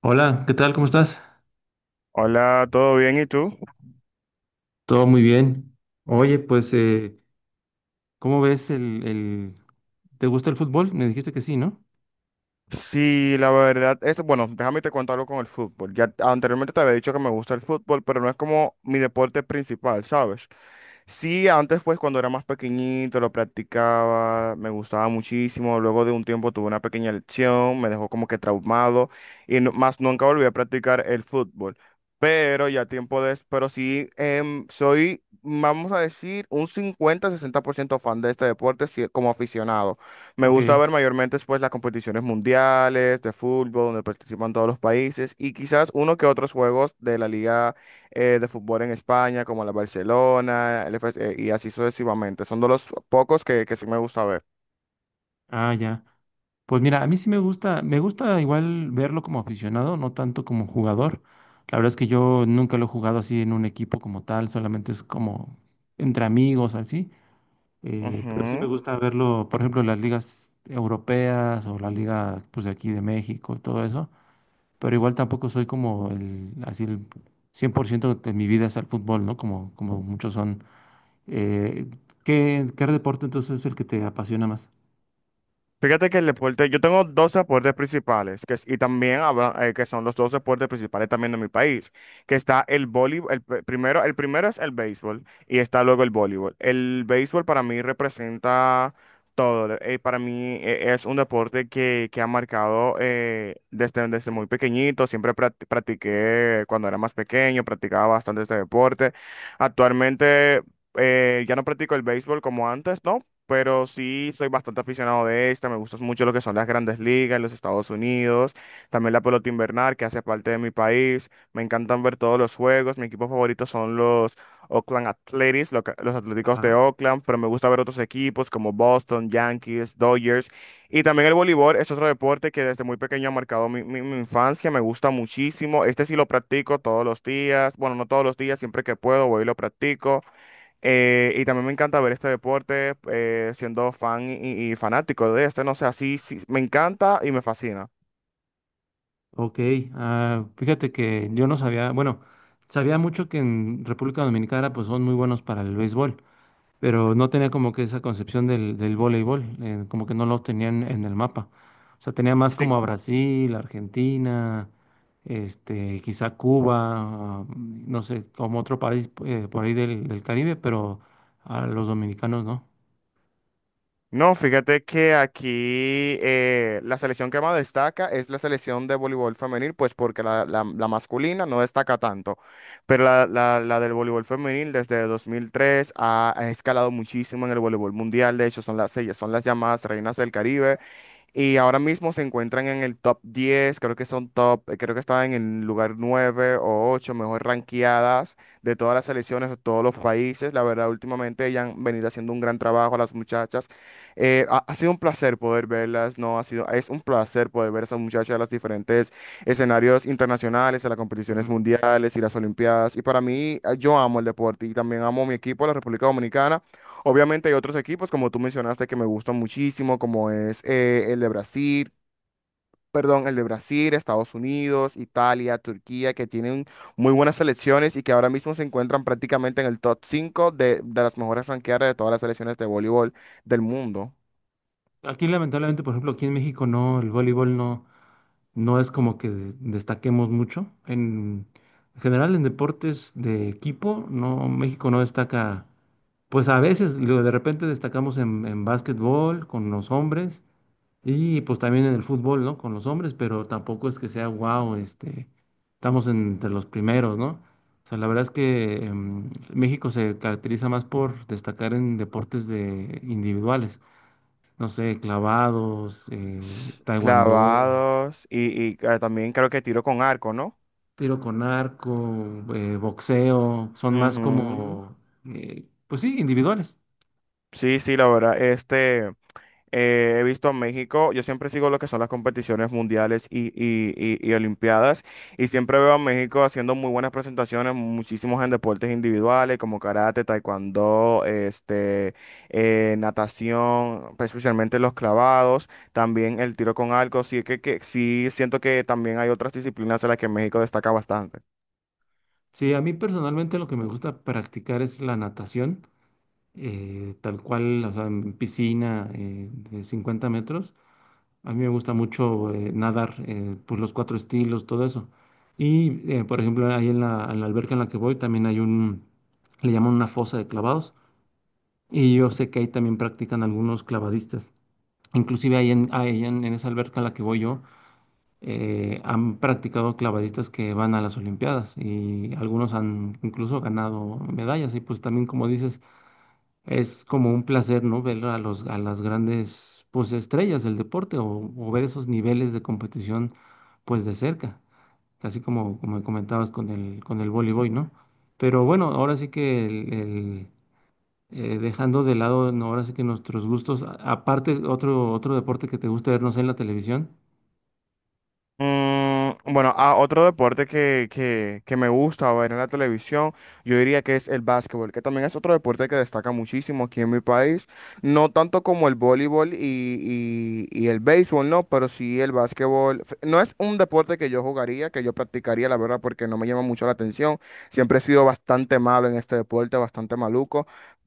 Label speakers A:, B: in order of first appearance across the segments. A: Hola, ¿qué tal? ¿Cómo estás?
B: Hola, ¿todo bien? ¿Y tú?
A: Todo muy bien. Oye, pues, ¿cómo ves el... ¿Te gusta el fútbol? Me dijiste que sí, ¿no?
B: Sí, la verdad es, bueno, déjame te contarlo con el fútbol. Ya anteriormente te había dicho que me gusta el fútbol, pero no es como mi deporte principal, ¿sabes? Sí, antes pues cuando era más pequeñito lo practicaba, me gustaba muchísimo, luego de un tiempo tuve una pequeña lesión, me dejó como que traumado y más nunca volví a practicar el fútbol. Pero ya tiempo de, pero sí, soy, vamos a decir, un 50, 60% fan de este deporte sí, como aficionado. Me
A: Ok.
B: gusta ver mayormente pues, las competiciones mundiales de fútbol donde participan todos los países y quizás uno que otros juegos de la liga de fútbol en España como la Barcelona el FS, y así sucesivamente. Son de los pocos que sí me gusta ver.
A: Ah, ya. Pues mira, a mí sí me gusta igual verlo como aficionado, no tanto como jugador. La verdad es que yo nunca lo he jugado así en un equipo como tal, solamente es como entre amigos, así. Pero sí me
B: Ujú.
A: gusta verlo, por ejemplo, en las ligas europeas o la liga, pues, de aquí de México y todo eso. Pero igual tampoco soy como el, así el 100% de mi vida es el fútbol, ¿no? Como, como muchos son. Eh, ¿qué deporte entonces es el que te apasiona más?
B: Fíjate que el deporte, yo tengo dos deportes principales, que, es- y también habla- que son los dos deportes principales también de mi país, que está el voleibol, el primero es el béisbol y está luego el voleibol. El béisbol para mí representa todo, para mí es un deporte que ha marcado desde muy pequeñito, siempre practiqué cuando era más pequeño, practicaba bastante este deporte. Actualmente ya no practico el béisbol como antes, ¿no? Pero sí soy bastante aficionado de esta, me gustan mucho lo que son las grandes ligas en los Estados Unidos, también la pelota invernal que hace parte de mi país, me encantan ver todos los juegos, mi equipo favorito son los Oakland Athletics, los Atléticos de
A: Ajá.
B: Oakland, pero me gusta ver otros equipos como Boston, Yankees, Dodgers, y también el voleibol es otro deporte que desde muy pequeño ha marcado mi infancia, me gusta muchísimo, este sí lo practico todos los días, bueno, no todos los días, siempre que puedo voy y lo practico. Y también me encanta ver este deporte, siendo fan y fanático de este, no sé, así sí, me encanta y me fascina.
A: Ok, ah, fíjate que yo no sabía, bueno, sabía mucho que en República Dominicana pues son muy buenos para el béisbol, pero no tenía como que esa concepción del voleibol, como que no lo tenían en el mapa. O sea, tenía más
B: Sí.
A: como a Brasil, Argentina, este, quizá Cuba, ah, no sé, como otro país por ahí del Caribe, pero a los dominicanos no.
B: No, fíjate que aquí la selección que más destaca es la selección de voleibol femenil, pues porque la masculina no destaca tanto, pero la del voleibol femenil desde 2003 ha escalado muchísimo en el voleibol mundial, de hecho son ellas son las llamadas reinas del Caribe. Y ahora mismo se encuentran en el top 10, creo que son top, creo que están en el lugar 9 o ocho, mejor ranqueadas de todas las selecciones de todos los países. La verdad, últimamente ellas han venido haciendo un gran trabajo, las muchachas. Ha sido un placer poder verlas, ¿no? Ha sido, es un placer poder ver a esas muchachas en los diferentes escenarios internacionales, en las competiciones
A: Ujú.
B: mundiales y las Olimpiadas. Y para mí, yo amo el deporte y también amo mi equipo, la República Dominicana. Obviamente hay otros equipos, como tú mencionaste, que me gustan muchísimo, como es el de Brasil, perdón, el de Brasil, Estados Unidos, Italia, Turquía, que tienen muy buenas selecciones y que ahora mismo se encuentran prácticamente en el top 5 de las mejores franqueadas de todas las selecciones de voleibol del mundo.
A: Aquí lamentablemente, por ejemplo, aquí en México no, el voleibol no. No es como que destaquemos mucho. En general, en deportes de equipo, no, México no destaca. Pues a veces, luego de repente destacamos en básquetbol con los hombres y pues también en el fútbol, ¿no? Con los hombres, pero tampoco es que sea wow, este, estamos entre los primeros, ¿no? O sea, la verdad es que México se caracteriza más por destacar en deportes de individuales, no sé, clavados, taekwondo,
B: Clavados y también creo que tiro con arco, ¿no?
A: tiro con arco, boxeo, son más
B: Ujú.
A: como, pues sí, individuales.
B: Sí, sí, la verdad. He visto a México, yo siempre sigo lo que son las competiciones mundiales y olimpiadas y siempre veo a México haciendo muy buenas presentaciones, muchísimos en deportes individuales como karate, taekwondo, natación, pues, especialmente los clavados, también el tiro con arco, sí que sí siento que también hay otras disciplinas en las que México destaca bastante.
A: Sí, a mí personalmente lo que me gusta practicar es la natación, tal cual, o sea, en piscina de 50 metros. A mí me gusta mucho nadar, pues los cuatro estilos, todo eso. Y, por ejemplo, ahí en la alberca en la que voy también hay un, le llaman una fosa de clavados. Y yo sé que ahí también practican algunos clavadistas. Inclusive ahí en esa alberca a la que voy yo, han practicado clavadistas que van a las Olimpiadas y algunos han incluso ganado medallas. Y pues también, como dices, es como un placer, ¿no? Ver a los, a las grandes, pues, estrellas del deporte o ver esos niveles de competición, pues, de cerca. Así como, como comentabas con el voleibol, ¿no? Pero bueno, ahora sí que el, dejando de lado, no, ahora sí que nuestros gustos, aparte otro, otro deporte que te gusta ver, no sé, en la televisión.
B: Bueno, a otro deporte que me gusta ver en la televisión, yo diría que es el básquetbol, que también es otro deporte que destaca muchísimo aquí en mi país, no tanto como el voleibol y el béisbol, no, pero sí el básquetbol. No es un deporte que yo jugaría, que yo practicaría, la verdad, porque no me llama mucho la atención. Siempre he sido bastante malo en este deporte, bastante maluco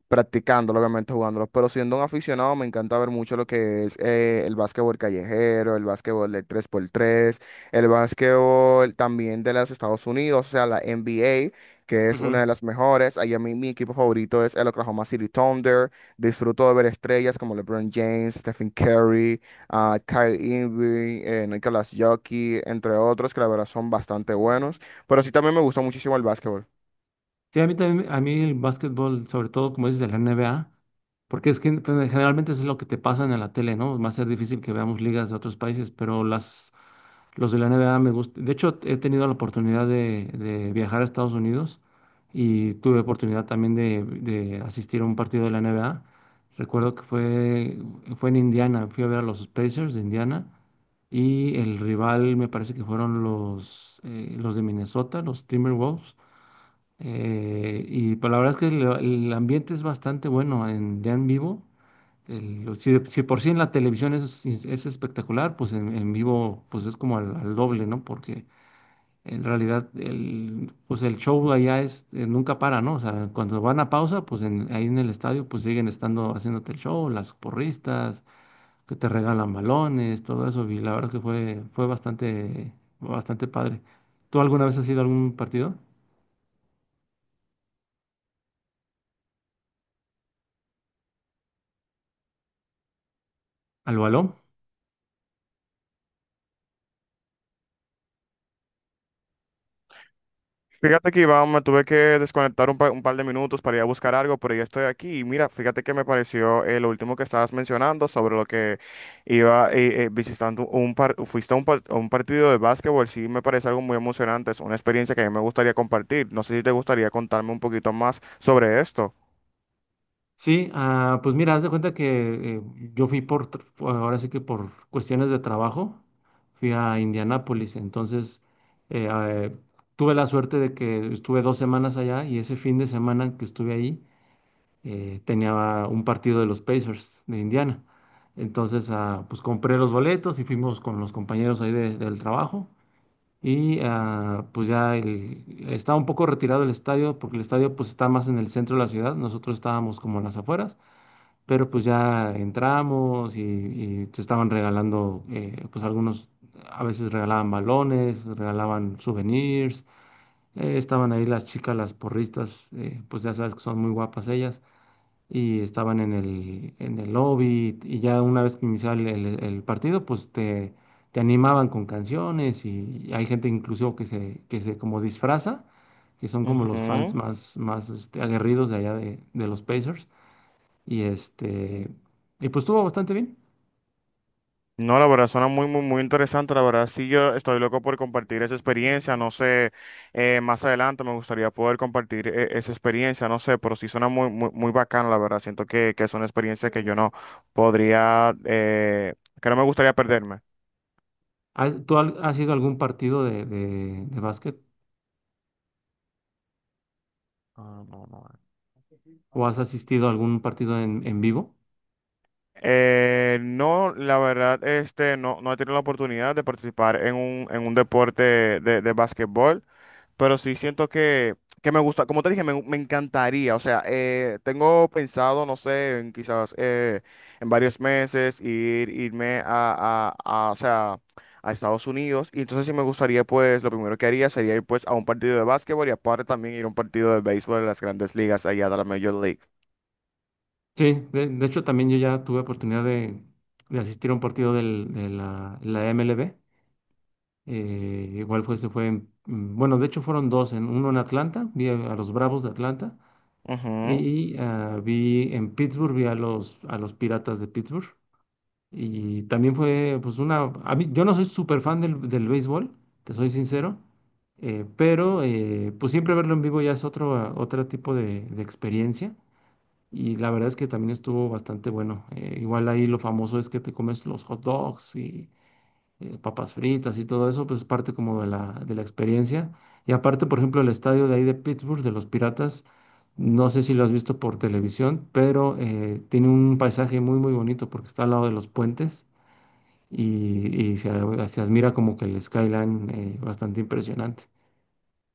B: practicándolo, obviamente jugándolo, pero siendo un aficionado me encanta ver mucho lo que es el básquetbol callejero, el básquetbol del tres por tres, el básquetbol también de los Estados Unidos, o sea, la NBA, que es una de las mejores. Allá mi, mi equipo favorito es el Oklahoma City Thunder. Disfruto de ver estrellas como LeBron James, Stephen Curry, Kyrie Irving, Nikola Jokic, entre otros, que la verdad son bastante buenos. Pero sí también me gusta muchísimo el básquetbol.
A: Sí, a mí también, a mí el básquetbol, sobre todo como dices de la NBA, porque es que pues, generalmente eso es lo que te pasan en la tele, ¿no? Va a ser difícil que veamos ligas de otros países, pero las, los de la NBA me gustan. De hecho, he tenido la oportunidad de viajar a Estados Unidos y tuve oportunidad también de asistir a un partido de la NBA. Recuerdo fue en Indiana, fui a ver a los Pacers de Indiana y el rival me parece que fueron los de Minnesota, los Timberwolves. Y pues la verdad es que el ambiente es bastante bueno en, ya en vivo. Si por sí en la televisión es espectacular, pues en vivo pues es como al doble, ¿no? Porque en realidad el, pues el show allá es, nunca para, ¿no? O sea, cuando van a pausa, pues ahí en el estadio pues siguen estando haciéndote el show, las porristas, que te regalan balones, todo eso. Y la verdad fue bastante, bastante padre. ¿Tú alguna vez has ido a algún partido? ¿Al balón?
B: Fíjate que Iván, me tuve que desconectar un par de minutos para ir a buscar algo, pero ya estoy aquí. Y mira, fíjate que me pareció lo último que estabas mencionando sobre lo que iba visitando un par, fuiste a un partido de básquetbol. Sí, me parece algo muy emocionante. Es una experiencia que a mí me gustaría compartir. No sé si te gustaría contarme un poquito más sobre esto.
A: Sí, ah, pues mira, haz de cuenta que yo fui por, ahora sí que por cuestiones de trabajo, fui a Indianápolis, entonces eh, ah, eh, tuve la suerte de que estuve dos semanas allá y ese fin de semana que estuve ahí tenía un partido de los Pacers de Indiana. Entonces, ah, pues compré los boletos y fuimos con los compañeros ahí del trabajo y ah, pues ya estaba un poco retirado el estadio porque el estadio pues está más en el centro de la ciudad, nosotros estábamos como en las afueras pero pues ya entramos y te estaban regalando, pues algunos a veces regalaban balones, regalaban souvenirs, estaban ahí las chicas, las porristas, pues ya sabes que son muy guapas ellas, y estaban en el lobby y ya una vez que iniciaba el partido, pues te animaban con canciones y hay gente inclusive que se como disfraza, que son como los fans más, más este, aguerridos de allá de los Pacers y este, y pues estuvo bastante bien.
B: No, la verdad suena muy, muy, muy interesante. La verdad, sí, yo estoy loco por compartir esa experiencia. No sé, más adelante me gustaría poder compartir esa experiencia. No sé, pero sí suena muy, muy, muy bacana, la verdad. Siento que es una experiencia que yo no podría, que no me gustaría perderme.
A: ¿Tú has ido a algún partido de básquet
B: Ah, no, no.
A: o has asistido a algún partido en vivo?
B: No, la verdad, no, no he tenido la oportunidad de participar en un deporte de básquetbol, pero sí siento que me gusta, como te dije, me encantaría, o sea, tengo pensado, no sé, en quizás en varios meses ir, irme a, o sea, a Estados Unidos, y entonces sí me gustaría, pues, lo primero que haría sería ir, pues, a un partido de básquetbol y aparte también ir a un partido de béisbol de las grandes ligas allá de la Major League.
A: Sí, de hecho también yo ya tuve oportunidad de asistir a un partido de la MLB. Igual fue, se fue, en- mm, bueno, de hecho fueron dos, en, uno en Atlanta, vi a los Bravos de Atlanta
B: Ujú.
A: y ah, vi en Pittsburgh, vi a los Piratas de Pittsburgh. Y también fue, pues, una. A mí, yo no soy súper fan del béisbol, te soy sincero, pues siempre verlo en vivo ya es otro, ah, otro tipo de experiencia. Y la verdad es que también estuvo bastante bueno. Igual ahí lo famoso es que te comes los hot dogs y papas fritas y todo eso, pues es parte como de de la experiencia. Y aparte, por ejemplo, el estadio de ahí de Pittsburgh, de los Piratas, no sé si lo has visto por televisión, pero tiene un paisaje muy, muy bonito porque está al lado de los puentes y se, se admira como que el skyline bastante impresionante.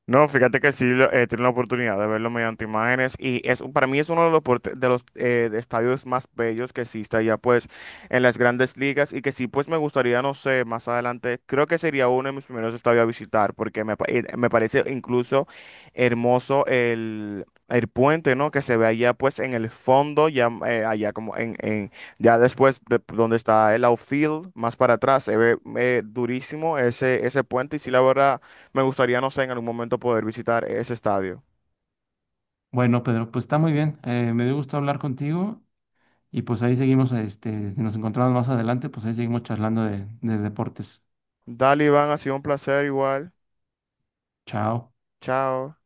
B: No, fíjate que sí tiene la oportunidad de verlo mediante imágenes y es para mí es uno de los, de los de estadios más bellos que existe allá pues en las grandes ligas y que sí pues me gustaría, no sé, más adelante, creo que sería uno de mis primeros estadios a visitar porque me parece incluso hermoso el puente, ¿no? Que se ve allá pues en el fondo, ya allá como ya después de donde está el outfield, más para atrás, se ve durísimo ese puente y sí la verdad. Me gustaría, no sé, en algún momento poder visitar ese estadio.
A: Bueno, Pedro, pues está muy bien. Me dio gusto hablar contigo y pues ahí seguimos, este, si nos encontramos más adelante, pues ahí seguimos charlando de deportes.
B: Dale, Iván, ha sido un placer igual.
A: Chao.
B: Chao.